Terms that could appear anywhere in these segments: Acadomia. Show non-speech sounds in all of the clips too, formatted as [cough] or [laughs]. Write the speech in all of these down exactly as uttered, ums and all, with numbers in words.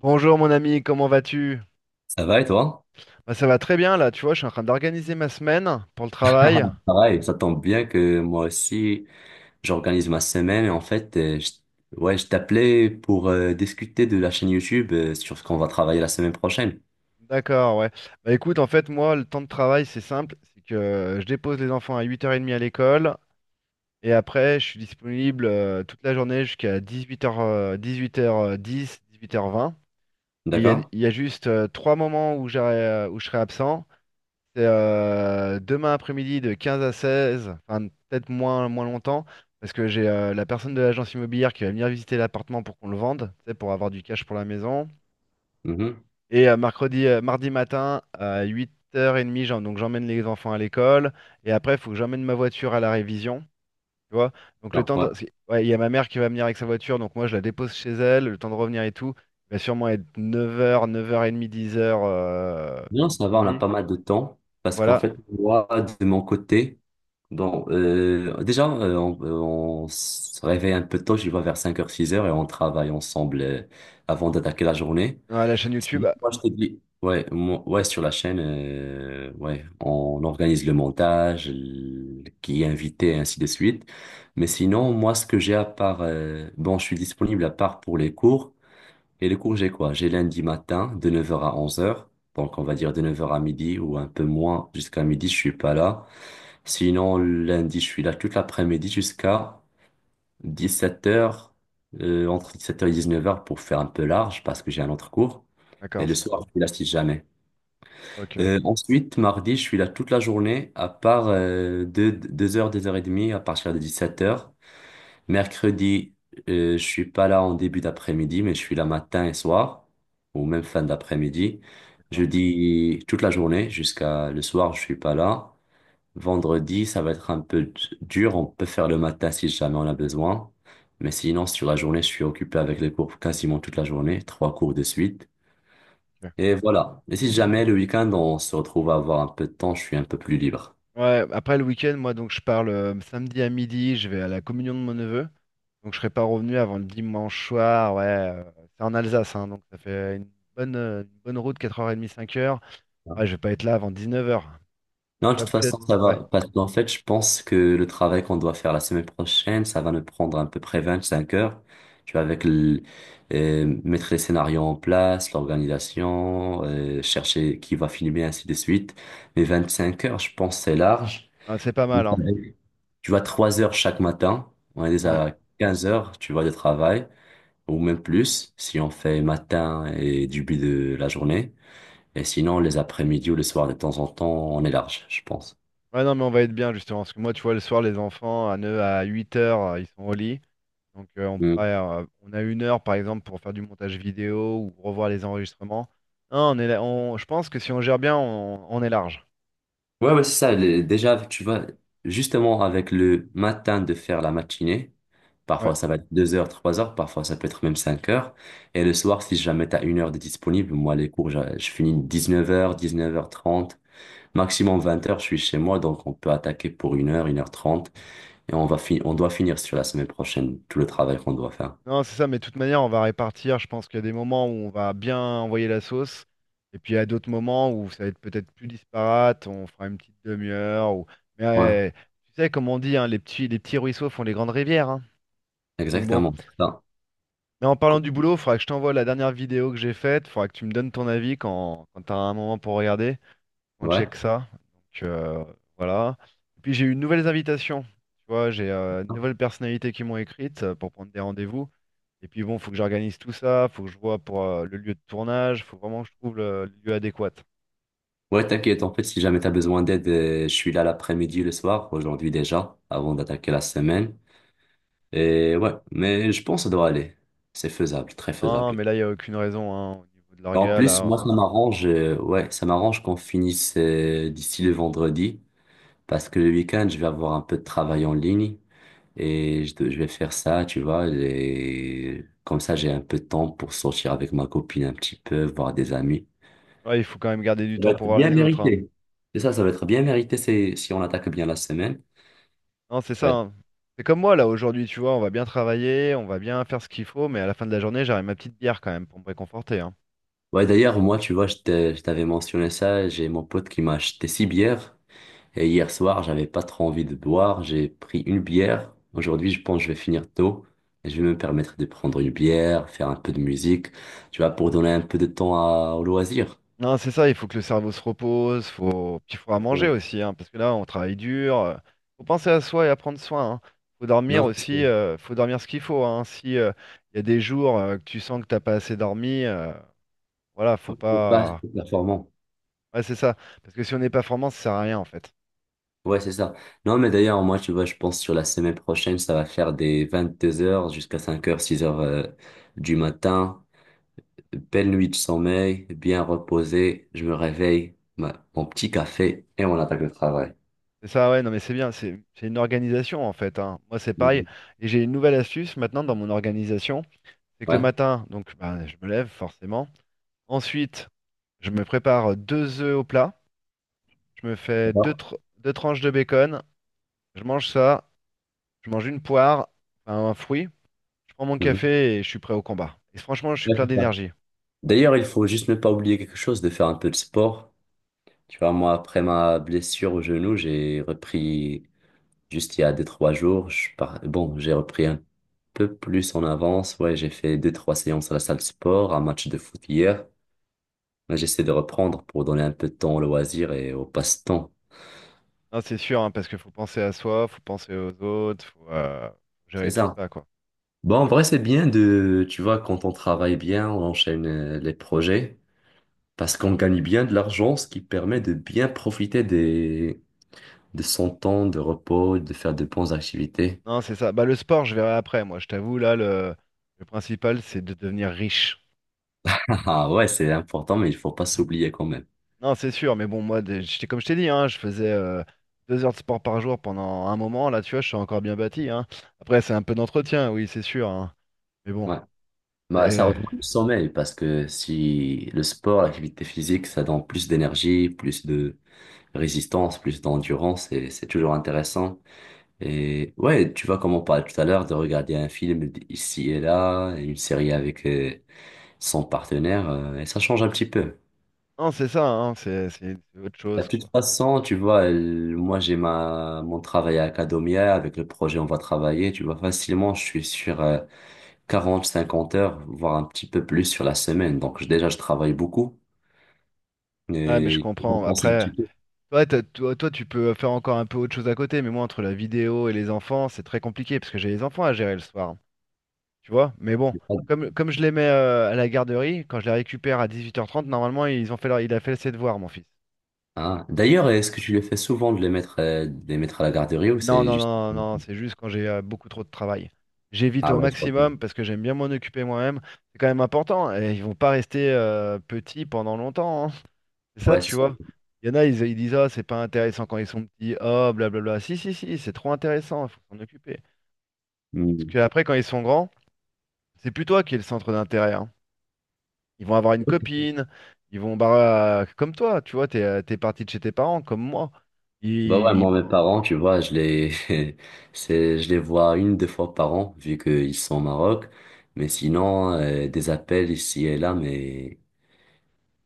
Bonjour mon ami, comment vas-tu? Ça va et toi? Bah, ça va très bien là, tu vois, je suis en train d'organiser ma semaine pour le travail. Pareil, ça tombe bien que moi aussi, j'organise ma semaine et en fait, euh, je, ouais, je t'appelais pour euh, discuter de la chaîne YouTube euh, sur ce qu'on va travailler la semaine prochaine. D'accord, ouais. Bah écoute, en fait, moi, le temps de travail, c'est simple, c'est que euh, je dépose les enfants à huit heures trente à l'école. Et après, je suis disponible euh, toute la journée jusqu'à dix-huit heures, euh, dix-huit heures euh, dix, 10 dix-huit dix-huit heures vingt. Et il y a, D'accord? il y a juste euh, trois moments où j'aurai, euh, où je serai absent. C'est euh, demain après-midi de quinze à seize, enfin peut-être moins, moins longtemps, parce que j'ai euh, la personne de l'agence immobilière qui va venir visiter l'appartement pour qu'on le vende, tu sais, pour avoir du cash pour la maison. Mhm. Et euh, mercredi, euh, mardi matin à huit heures trente, j'en- donc j'emmène les enfants à l'école. Et après, il faut que j'emmène ma voiture à la révision. Tu vois? Donc le Donc, temps de... ouais. c'est- ouais, il y a ma mère qui va venir avec sa voiture, donc moi je la dépose chez elle, le temps de revenir et tout. Il va sûrement être neuf heures, neuf heures trente, dix heures Non, sur ça mon va, on a ordi. pas mal de temps parce qu'en Voilà. fait, moi, de mon côté, bon, euh, déjà, euh, on, on se réveille un peu tôt, je vois vers cinq heures, six heures, et on travaille ensemble euh, avant d'attaquer la journée. Ouais, la chaîne YouTube. Sinon, Moi, je t'ai ouais, moi- ouais, sur la chaîne, euh, ouais, on organise le montage, l- qui est invité, et ainsi de suite. Mais sinon, moi, ce que j'ai à part, euh, bon, je suis disponible à part pour les cours. Et les cours, j'ai quoi? J'ai lundi matin, de neuf heures à onze heures. Donc, on va dire de neuf heures à midi ou un peu moins, jusqu'à midi, je suis pas là. Sinon, lundi, je suis là toute l'après-midi jusqu'à dix-sept heures, euh, entre dix-sept heures et dix-neuf heures pour faire un peu large parce que j'ai un autre cours. Et D'accord, le c'est bien. soir, je suis là si jamais. Ok, Euh, ensuite, mardi, je suis là toute la journée, à part euh, deux deux heures deux heures et demie à partir de dix-sept heures. Mercredi, euh, je suis pas là en début d'après-midi, mais je suis là matin et soir, ou même fin d'après-midi. d'accord. Jeudi, toute la journée, jusqu'à le soir, je suis pas là. Vendredi, ça va être un peu d- dur. On peut faire le matin si jamais on a besoin. Mais sinon, sur la journée, je suis occupé avec les cours quasiment toute la journée, trois cours de suite. Ok. Et voilà. Et si jamais le week-end, on se retrouve à avoir un peu de temps, je suis un peu plus libre. Ouais, après le week-end, moi donc je parle euh, samedi à midi, je vais à la communion de mon neveu. Donc je serai pas revenu avant le dimanche soir. Ouais, euh, c'est en Alsace, hein, donc ça fait une bonne, euh, une bonne route, quatre heures trente, cinq heures. Ouais, je vais pas être là avant dix-neuf heures. Je Non, de pourrais, toute ouais, peut-être. façon, ça Ouais, va. Parce qu'en fait, je pense que le travail qu'on doit faire la semaine prochaine, ça va nous prendre à peu près vingt-cinq heures. Tu vois, avec le- euh, mettre les scénarios en place, l'organisation, euh, chercher qui va filmer, ainsi de suite. Mais vingt-cinq heures, je pense, c'est large. ouais, c'est pas mal, hein. Tu vois, trois heures chaque matin. On est Ouais. déjà à quinze heures, tu vois, de travail. Ou même plus, si on fait matin et début de la journée. Et sinon, les après-midi ou le soir, de temps en temps, on est large, je pense. Ouais, non, mais on va être bien justement. Parce que moi, tu vois, le soir, les enfants, à neuf à huit heures, euh, ils sont au lit. Donc euh, on Mm. pourrait, euh, on a une heure par exemple pour faire du montage vidéo ou revoir les enregistrements. Non, on est là- on- je pense que si on gère bien, on, on est large. Ouais, ouais, c'est ça. le- déjà, tu vois, justement, avec le matin de faire la matinée, Ouais. parfois ça va être deux heures, trois heures, parfois ça peut être même cinq heures. Et le soir, si jamais tu as une heure de disponible, moi, les cours, je, je finis dix-neuf heures, dix-neuf heures trente, maximum vingt heures, je suis chez moi, donc on peut attaquer pour une heure, une heure trente, et on va fi- on doit finir sur la semaine prochaine tout le travail qu'on doit faire. Non, c'est ça, mais de toute manière, on va répartir. Je pense qu'il y a des moments où on va bien envoyer la sauce, et puis il y a d'autres moments où ça va être peut-être plus disparate. On fera une petite demi-heure. Ou... Mais Ouais, euh, tu sais, comme on dit, hein, les petits, les petits ruisseaux font les grandes rivières. Hein. Donc bon. exactement. C'est ça. Mais en parlant du boulot, il faudra que je t'envoie la dernière vidéo que j'ai faite. Il faudra que tu me donnes ton avis quand, quand tu as un moment pour regarder. On Ouais. check ça. Donc euh, voilà. Et puis j'ai eu de nouvelles invitations. Tu vois, j'ai euh, de nouvelles personnalités qui m'ont écrite euh, pour prendre des rendez-vous. Et puis bon, faut que j'organise tout ça, faut que je vois pour euh, le lieu de tournage, faut vraiment que je trouve le, le lieu adéquat. Ouais, t'inquiète, en fait, si jamais t'as besoin d'aide, euh, je suis là l'après-midi, le soir, aujourd'hui déjà, avant d'attaquer la semaine. Et ouais, mais je pense que ça doit aller. C'est faisable, très Non, faisable. mais là, il n'y a aucune raison, hein, au niveau de En l'orga, plus, là. moi, ça m'arrange, euh, ouais, ça m'arrange qu'on finisse euh, d'ici le vendredi, parce que le week-end, je vais avoir un peu de travail en ligne, et je, dois- je vais faire ça, tu vois, et comme ça, j'ai un peu de temps pour sortir avec ma copine un petit peu, voir des amis. Ouais, il faut quand même garder du Ça va temps pour être voir bien les autres, hein. mérité. C'est ça, ça va être bien mérité c'est, si on attaque bien la semaine. Non, c'est Ça va ça, être. hein. C'est comme moi, là, aujourd'hui, tu vois, on va bien travailler, on va bien faire ce qu'il faut, mais à la fin de la journée, j'aurai ma petite bière quand même pour me réconforter, hein. Ouais, d'ailleurs, moi, tu vois, je t'ai- je t'avais mentionné ça. J'ai mon pote qui m'a acheté six bières. Et hier soir, j'avais pas trop envie de boire. J'ai pris une bière. Aujourd'hui, je pense que je vais finir tôt. Et je vais me permettre de prendre une bière, faire un peu de musique, tu vois, pour donner un peu de temps à, au loisir. Non, c'est ça, il faut que le cerveau se repose, faut... puis il faudra manger Exactement. aussi, hein, parce que là, on travaille dur. Euh, faut penser à soi et à prendre soin. Hein. Faut dormir Non, c'est aussi, sûr. euh, faut dormir ce qu'il faut. Hein. Si euh, il y a des jours euh, que tu sens que t'as pas assez dormi, euh, voilà, faut C'est pas assez pas. performant. Ouais, c'est ça. Parce que si on n'est pas formant, ça sert à rien en fait. Ouais, c'est ça. Non, mais d'ailleurs, moi, tu vois, je pense sur la semaine prochaine, ça va faire des vingt-deux heures jusqu'à cinq heures six heures euh, du matin. Belle nuit de sommeil, bien reposé. Je me réveille, ma- mon petit café et on attaque le travail. C'est ça, ouais, non mais c'est bien, c'est c'est une organisation en fait. Hein. Moi, c'est pareil. Mhm. Et j'ai une nouvelle astuce maintenant dans mon organisation, c'est que le Ouais, matin, donc bah, je me lève forcément. Ensuite, je me prépare deux œufs au plat. Je me fais deux, d'accord. tr- deux tranches de bacon. Je mange ça. Je mange une poire, enfin, un fruit. Je prends mon Mhm. café et je suis prêt au combat. Et franchement, je suis Ouais, plein c'est ça. d'énergie. D'ailleurs, il faut juste ne pas oublier quelque chose, de faire un peu de sport. Tu vois, moi, après ma blessure au genou, j'ai repris. Juste il y a deux, trois jours, je par... bon, j'ai repris un peu plus en avance. Ouais, j'ai fait deux, trois séances à la salle de sport, un match de foot hier. Mais j'essaie de reprendre pour donner un peu de temps au loisir et au passe-temps. Non, c'est sûr, hein, parce qu'il faut penser à soi, faut penser aux autres, faut euh, C'est gérer tout ça. ça, quoi. Bon, en vrai, c'est bien de, tu vois, quand on travaille bien, on enchaîne euh, les projets parce qu'on gagne bien de l'argent, ce qui permet de bien profiter des... de son temps de repos, de faire de bonnes activités. Non, c'est ça. Bah, le sport, je verrai après. Moi, je t'avoue, là, le, le principal, c'est de devenir riche. [laughs] Ah ouais, c'est important, mais il faut pas s'oublier quand même. Non, c'est sûr, mais bon, moi, des- j'étais comme je t'ai dit, hein, je faisais euh, deux heures de sport par jour pendant un moment. Là, tu vois, je suis encore bien bâti, hein. Après, c'est un peu d'entretien, oui, c'est sûr, hein. Mais bon. Ouais. Bah, ça Et rejoint le sommeil parce que si le sport, l'activité physique, ça donne plus d'énergie, plus de résistance, plus d'endurance, et c'est toujours intéressant. Et ouais, tu vois, comme on parlait tout à l'heure, de regarder un film d- ici et là, une série avec euh, son partenaire, euh, et ça change un petit peu. non, c'est ça, hein, c'est c'est- c'est autre De chose, toute quoi. façon, tu vois, euh, moi j'ai ma mon travail à Acadomia, avec le projet on va travailler, tu vois, facilement je suis sur euh, quarante cinquante heures, voire un petit peu plus sur la semaine. Donc je- déjà je travaille beaucoup. Ouais, mais Et je il faut comprends. compenser un petit Après, peu. toi, t'as- toi, toi, tu peux faire encore un peu autre chose à côté, mais moi, entre la vidéo et les enfants, c'est très compliqué, parce que j'ai les enfants à gérer le soir, hein, tu vois. Mais bon, comme, comme je les mets euh, à la garderie, quand je les récupère à dix-huit heures trente normalement, ils ont fait leur, il a fait ses devoirs, mon fils. Ah. D'ailleurs, est-ce que tu le fais souvent de les mettre, euh, de les mettre à la garderie ou Non, c'est non, juste. non, non, non, c'est juste quand j'ai euh, beaucoup trop de travail. J'évite Ah au ouais, je crois bien. maximum, parce que j'aime bien m'en occuper moi-même. C'est quand même important, et ils vont pas rester euh, petits pendant longtemps, hein. C'est ça, Ouais, c'est tu ça. vois. Il y en a, ils, ils disent, ah, c'est pas intéressant quand ils sont petits, oh, blablabla. Si, si, si, c'est trop intéressant, il faut s'en occuper. Parce Hmm. qu'après, quand ils sont grands, c'est plus toi qui es le centre d'intérêt. Hein. Ils vont avoir une copine, ils vont, bah, euh, comme toi, tu vois, t'es, euh, t'es parti de chez tes parents, comme moi. Bah Ils, ouais, moi, ils- mes parents, tu vois, je les, [laughs] c'est, je les vois une, deux fois par an, vu qu'ils sont au Maroc. Mais sinon, euh, des appels ici et là, mais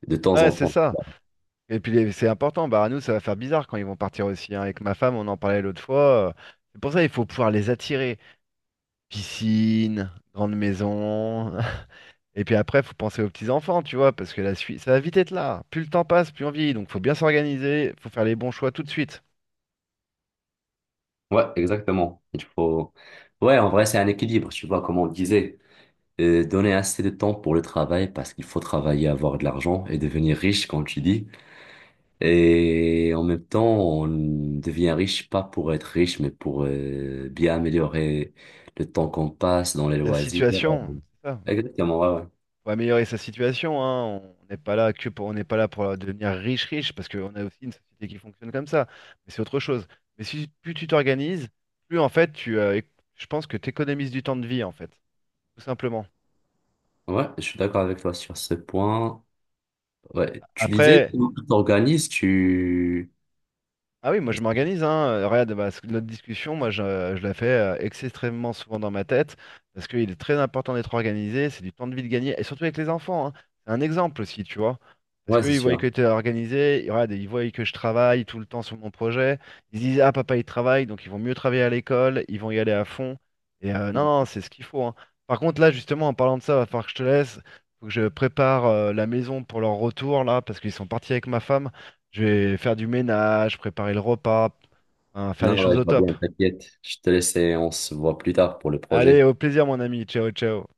de temps ouais, en c'est temps. ça. Et puis, les- c'est important, bah, à nous, ça va faire bizarre quand ils vont partir aussi. Hein. Avec ma femme, on en parlait l'autre fois. Euh, C'est pour ça il faut pouvoir les attirer. Piscine, grande maison. [laughs] Et puis après, faut penser aux petits-enfants, tu vois, parce que la suite, ça va vite être là. Plus le temps passe, plus on vieillit. Donc, faut bien s'organiser, faut faire les bons choix tout de suite. Ouais, exactement. Il faut. Ouais, en vrai, c'est un équilibre, tu vois, comme on disait. Euh, donner assez de temps pour le travail parce qu'il faut travailler, avoir de l'argent et devenir riche, quand tu dis. Et en même temps, on devient riche pas pour être riche, mais pour euh, bien améliorer le temps qu'on passe dans les La loisirs. situation, c'est ça. Exactement, ouais, Faut améliorer sa situation, hein. On n'est pas là que pour, on n'est pas là pour devenir riche, riche, parce qu'on a aussi une société qui fonctionne comme ça. Mais c'est autre chose. Mais si plus tu t'organises, plus en fait, tu, euh, éc- je pense que tu économises du temps de vie, en fait, tout simplement. ouais. Ouais, je suis d'accord avec toi sur ce point. Ouais, tu disais, Après, comment tu t'organises, tu. ah oui, moi je m'organise, hein. Euh, Regarde, bah, ce- notre discussion, moi je, euh, je la fais euh, extrêmement souvent dans ma tête, parce qu'il est très important d'être organisé, c'est du temps de vie de gagner, et surtout avec les enfants, hein. C'est un exemple aussi, tu vois. Parce Ouais, c'est qu'ils voient sûr. que tu es organisé, ils regarde, ils voient que je travaille tout le temps sur mon projet, ils se disent, ah papa il travaille, donc ils vont mieux travailler à l'école, ils vont y aller à fond. Et euh, non, non, c'est ce qu'il faut, hein. Par contre, là, justement, en parlant de ça, va falloir que je te laisse, faut que je prépare euh, la maison pour leur retour, là, parce qu'ils sont partis avec ma femme. Je vais faire du ménage, préparer le repas, hein, faire les Non, ouais, choses je au vois bien, top. t'inquiète. Je te laisse et on se voit plus tard pour le Allez, projet. au plaisir, mon ami. Ciao, ciao.